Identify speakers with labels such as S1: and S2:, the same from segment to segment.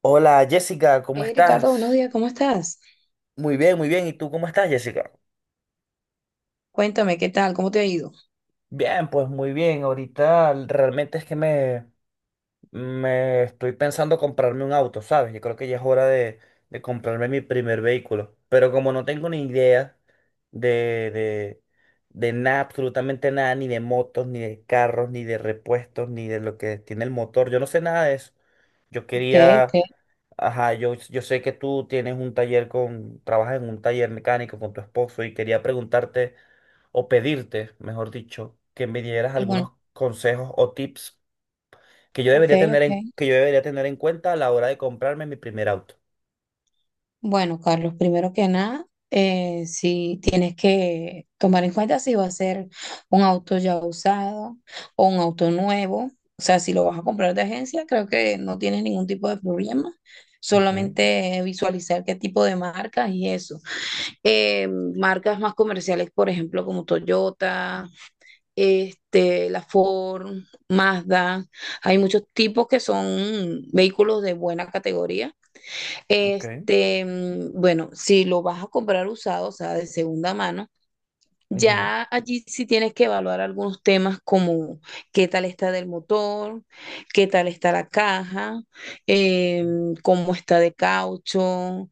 S1: Hola Jessica, ¿cómo
S2: Hey Ricardo,
S1: estás?
S2: buenos días, ¿cómo estás?
S1: Muy bien, muy bien. ¿Y tú cómo estás, Jessica?
S2: Cuéntame, ¿qué tal? ¿Cómo te ha ido?
S1: Bien, pues muy bien. Ahorita realmente es que me estoy pensando comprarme un auto, ¿sabes? Yo creo que ya es hora de comprarme mi primer vehículo. Pero como no tengo ni idea de, de, de nada, absolutamente nada, ni de motos, ni de carros, ni de repuestos, ni de lo que tiene el motor, yo no sé nada de eso. Yo
S2: Okay,
S1: quería,
S2: okay.
S1: ajá, yo sé que tú tienes un taller con, trabajas en un taller mecánico con tu esposo y quería preguntarte o pedirte, mejor dicho, que me dieras
S2: Bueno,
S1: algunos consejos o tips que yo debería
S2: okay,
S1: tener en,
S2: okay.
S1: que yo debería tener en cuenta a la hora de comprarme mi primer auto.
S2: Bueno, Carlos, primero que nada, si tienes que tomar en cuenta si va a ser un auto ya usado o un auto nuevo, o sea, si lo vas a comprar de agencia, creo que no tienes ningún tipo de problema.
S1: Ujú.
S2: Solamente visualizar qué tipo de marcas y eso. Marcas más comerciales, por ejemplo, como Toyota. La Ford, Mazda, hay muchos tipos que son vehículos de buena categoría.
S1: Ok.
S2: Bueno, si lo vas a comprar usado, o sea, de segunda mano,
S1: Ujú.
S2: ya allí sí tienes que evaluar algunos temas como qué tal está del motor, qué tal está la caja, cómo está de caucho,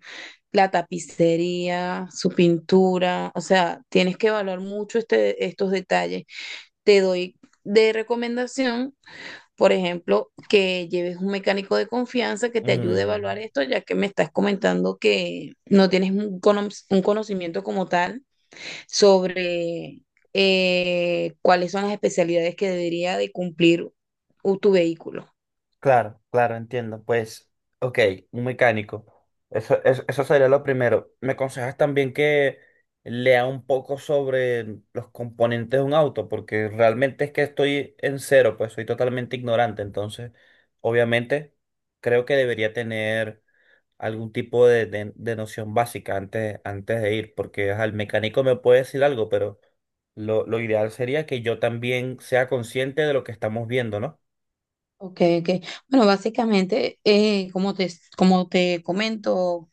S2: la tapicería, su pintura. O sea, tienes que evaluar mucho estos detalles te doy de recomendación, por ejemplo, que lleves un mecánico de confianza que te ayude a
S1: Mm,
S2: evaluar esto, ya que me estás comentando que no tienes un conocimiento como tal sobre cuáles son las especialidades que debería de cumplir tu vehículo.
S1: claro, claro, entiendo. Pues, ok, un mecánico. Eso sería lo primero. ¿Me aconsejas también que lea un poco sobre los componentes de un auto? Porque realmente es que estoy en cero, pues soy totalmente ignorante. Entonces, obviamente, creo que debería tener algún tipo de, de noción básica antes, antes de ir, porque ajá, el mecánico me puede decir algo, pero lo ideal sería que yo también sea consciente de lo que estamos viendo, ¿no?
S2: Ok, ok. Bueno, básicamente, como te comento,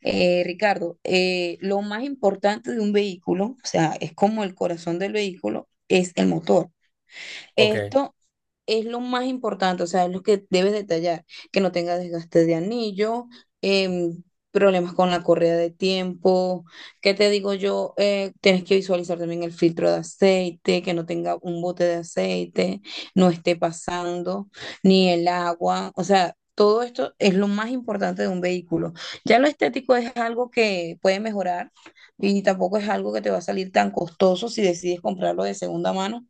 S2: Ricardo, lo más importante de un vehículo, o sea, es como el corazón del vehículo, es el motor.
S1: Ok,
S2: Esto es lo más importante, o sea, es lo que debes detallar, que no tenga desgaste de anillo, em, problemas con la correa de tiempo, ¿qué te digo yo? Tienes que visualizar también el filtro de aceite, que no tenga un bote de aceite, no esté pasando, ni el agua, o sea, todo esto es lo más importante de un vehículo. Ya lo estético es algo que puede mejorar y tampoco es algo que te va a salir tan costoso si decides comprarlo de segunda mano,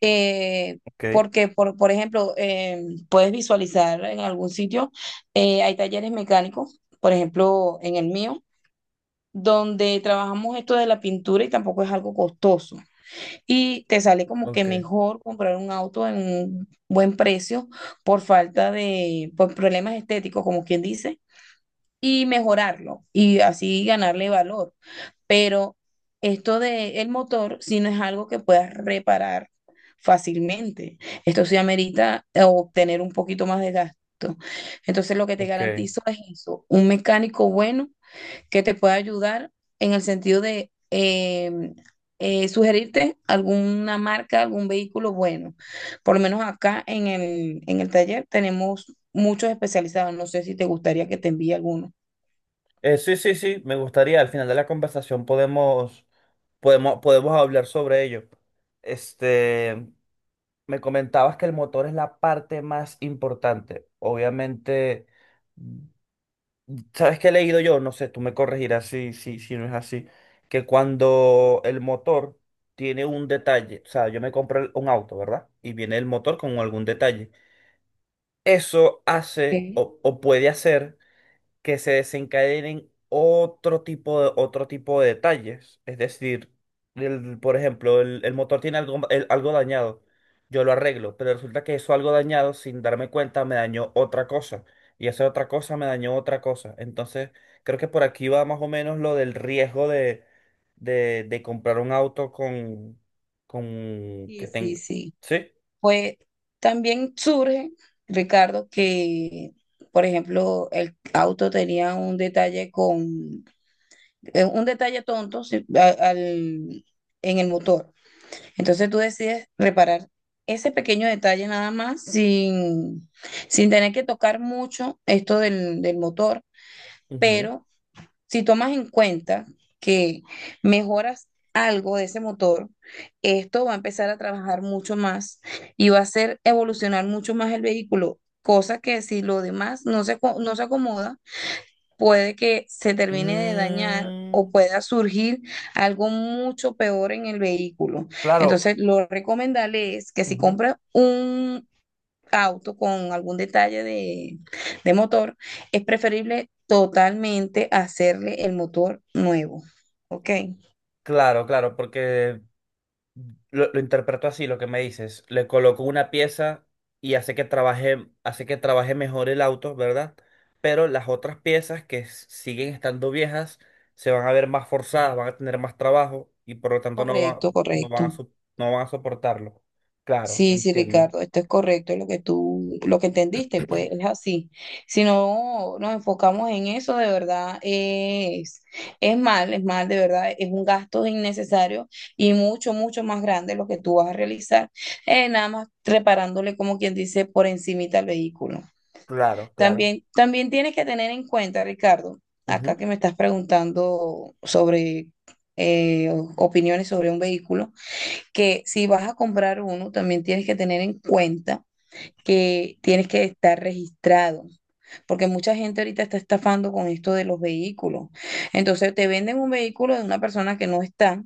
S2: eh,
S1: ok.
S2: porque por ejemplo, puedes visualizar en algún sitio, hay talleres mecánicos, por ejemplo, en el mío, donde trabajamos esto de la pintura y tampoco es algo costoso. Y te sale como que
S1: Ok,
S2: mejor comprar un auto en un buen precio por falta de, por problemas estéticos, como quien dice, y mejorarlo y así ganarle valor. Pero esto de el motor, si no es algo que puedas reparar fácilmente, esto sí amerita obtener un poquito más de gasto. Entonces, lo que te
S1: ok.
S2: garantizo es eso, un mecánico bueno que te pueda ayudar en el sentido de sugerirte alguna marca, algún vehículo bueno. Por lo menos acá en el taller tenemos muchos especializados. No sé si te gustaría que te envíe alguno.
S1: Sí, sí, sí, me gustaría, al final de la conversación podemos hablar sobre ello. Este, me comentabas que el motor es la parte más importante. Obviamente. ¿Sabes qué he leído yo? No sé, tú me corregirás si no es así. Que cuando el motor tiene un detalle, o sea, yo me compré un auto, ¿verdad? Y viene el motor con algún detalle. Eso hace
S2: Ok.
S1: o puede hacer que se desencadenen otro tipo de detalles. Es decir, por ejemplo, el motor tiene algo, algo dañado. Yo lo arreglo, pero resulta que eso algo dañado, sin darme cuenta, me dañó otra cosa. Y esa otra cosa me dañó otra cosa. Entonces, creo que por aquí va más o menos lo del riesgo de comprar un auto con que
S2: Sí, sí,
S1: tenga.
S2: sí.
S1: ¿Sí?
S2: Pues también surge, Ricardo, que, por ejemplo, el auto tenía un detalle con, un detalle tonto sí, en el motor. Entonces tú decides reparar ese pequeño detalle nada más sin, sin tener que tocar mucho esto del motor,
S1: Ujú.
S2: pero si tomas en cuenta que mejoras algo de ese motor, esto va a empezar a trabajar mucho más y va a hacer evolucionar mucho más el vehículo, cosa que si lo demás no se acomoda, puede que se termine de dañar o
S1: Mm,
S2: pueda surgir algo mucho peor en el vehículo.
S1: claro.
S2: Entonces, lo recomendable es que si
S1: Ujú.
S2: compras un auto con algún detalle de motor, es preferible totalmente hacerle el motor nuevo. ¿Ok?
S1: Claro, claro, porque lo interpreto así, lo que me dices. Le coloco una pieza y hace que trabaje mejor el auto, ¿verdad? Pero las otras piezas que siguen estando viejas se van a ver más forzadas, van a tener más trabajo y por lo tanto
S2: Correcto,
S1: no van a,
S2: correcto.
S1: so- no van a soportarlo. Claro,
S2: Sí, sí,
S1: entiendo.
S2: Ricardo, esto es correcto lo que lo que entendiste, pues es así. Si no nos enfocamos en eso, de verdad es mal, de verdad, es un gasto innecesario y mucho, mucho más grande lo que tú vas a realizar, nada más reparándole, como quien dice, por encimita al vehículo.
S1: Claro, claro.
S2: También, también tienes que tener en cuenta, Ricardo,
S1: Ujú.
S2: acá que me estás preguntando sobre opiniones sobre un vehículo, que si vas a comprar uno, también tienes que tener en cuenta que tienes que estar registrado porque mucha gente ahorita está estafando con esto de los vehículos. Entonces te venden un vehículo de una persona que no está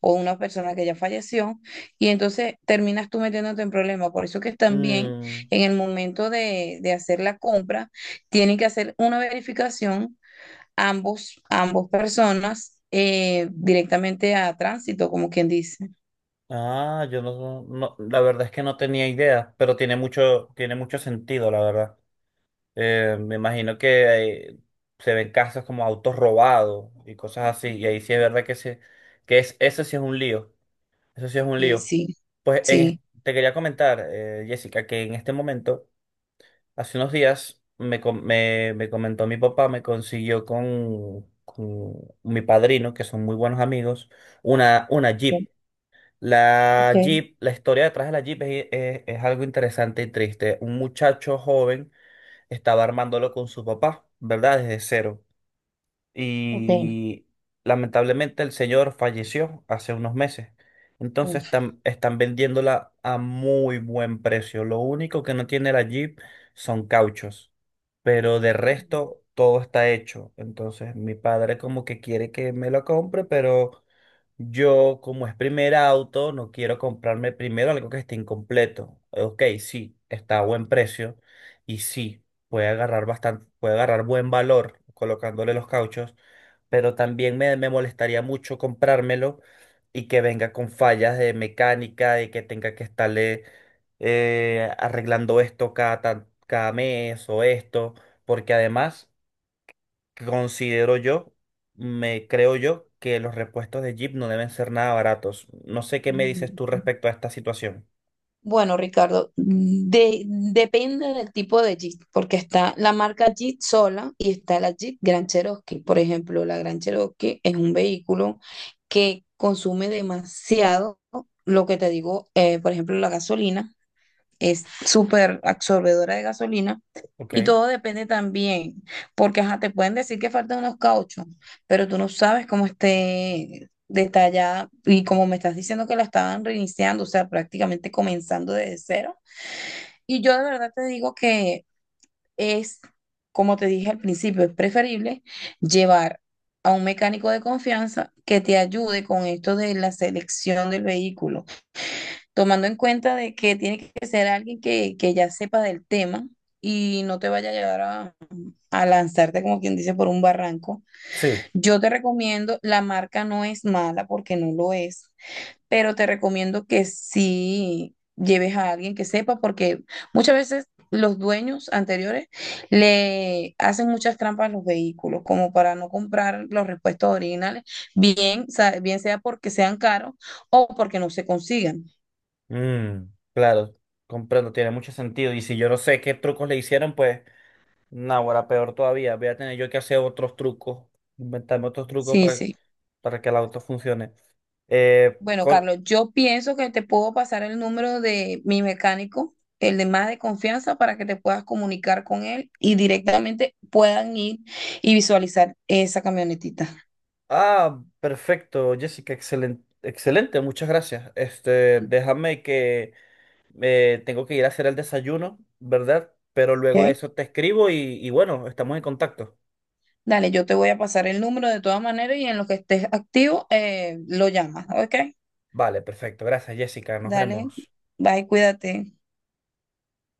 S2: o una persona que ya falleció y entonces terminas tú metiéndote en problemas. Por eso que también
S1: Mm,
S2: en el momento de hacer la compra tienen que hacer una verificación ambos, ambos personas directamente a tránsito, como quien dice.
S1: ah, yo no, no, la verdad es que no tenía idea, pero tiene mucho sentido, la verdad. Me imagino que se ven casos como autos robados y cosas así. Y ahí sí es verdad que, que es, eso sí es un lío. Eso sí es un
S2: Sí,
S1: lío.
S2: sí,
S1: Pues en es-
S2: sí.
S1: te quería comentar, Jessica, que en este momento, hace unos días, me comentó mi papá, me consiguió con mi padrino, que son muy buenos amigos, una Jeep.
S2: Ok,
S1: La Jeep, la historia detrás de la Jeep es, es algo interesante y triste. Un muchacho joven estaba armándolo con su papá, ¿verdad? Desde cero.
S2: ok.
S1: Y lamentablemente el señor falleció hace unos meses. Entonces
S2: Uf.
S1: están vendiéndola a muy buen precio. Lo único que no tiene la Jeep son cauchos, pero de resto todo está hecho. Entonces mi padre como que quiere que me lo compre, pero yo como es primer auto no quiero comprarme primero algo que esté incompleto. Ok, sí, está a buen precio. Y sí, puede agarrar bastante, puede agarrar buen valor colocándole los cauchos, pero también me molestaría mucho comprármelo y que venga con fallas de mecánica, de que tenga que estarle arreglando esto cada mes o esto, porque además considero yo, me creo yo, que los repuestos de Jeep no deben ser nada baratos. No sé qué me dices
S2: Mm.
S1: tú respecto a esta situación.
S2: Bueno, Ricardo, depende del tipo de Jeep, porque está la marca Jeep sola y está la Jeep Grand Cherokee. Por ejemplo, la Grand Cherokee es un vehículo que consume demasiado, lo que te digo, por ejemplo, la gasolina es súper absorbedora de gasolina y
S1: Ok.
S2: todo depende también, porque ajá, te pueden decir que faltan unos cauchos, pero tú no sabes cómo esté detallada y como me estás diciendo que la estaban reiniciando, o sea, prácticamente comenzando desde cero. Y yo de verdad te digo que es, como te dije al principio, es preferible llevar a un mecánico de confianza que te ayude con esto de la selección del vehículo tomando en cuenta de que tiene que ser alguien que ya sepa del tema y no te vaya a llevar a lanzarte, como quien dice, por un barranco.
S1: Sí.
S2: Yo te recomiendo, la marca no es mala porque no lo es, pero te recomiendo que sí lleves a alguien que sepa porque muchas veces los dueños anteriores le hacen muchas trampas a los vehículos, como para no comprar los repuestos originales, bien sea porque sean caros o porque no se consigan.
S1: Mm, claro, comprendo, tiene mucho sentido. Y si yo no sé qué trucos le hicieron, pues, ahora peor todavía. Voy a tener yo que hacer otros trucos, inventarme otros trucos
S2: Sí, sí.
S1: para que el auto funcione.
S2: Bueno,
S1: Con...
S2: Carlos, yo pienso que te puedo pasar el número de mi mecánico, el de más de confianza, para que te puedas comunicar con él y directamente puedan ir y visualizar esa camionetita.
S1: Ah, perfecto, Jessica, excelente, excelente, muchas gracias. Este, déjame que tengo que ir a hacer el desayuno, ¿verdad? Pero luego de
S2: ¿Ok?
S1: eso te escribo y bueno, estamos en contacto.
S2: Dale, yo te voy a pasar el número de todas maneras y en lo que estés activo, lo llamas, ¿ok?
S1: Vale, perfecto, gracias, Jessica, nos
S2: Dale,
S1: vemos.
S2: bye, cuídate.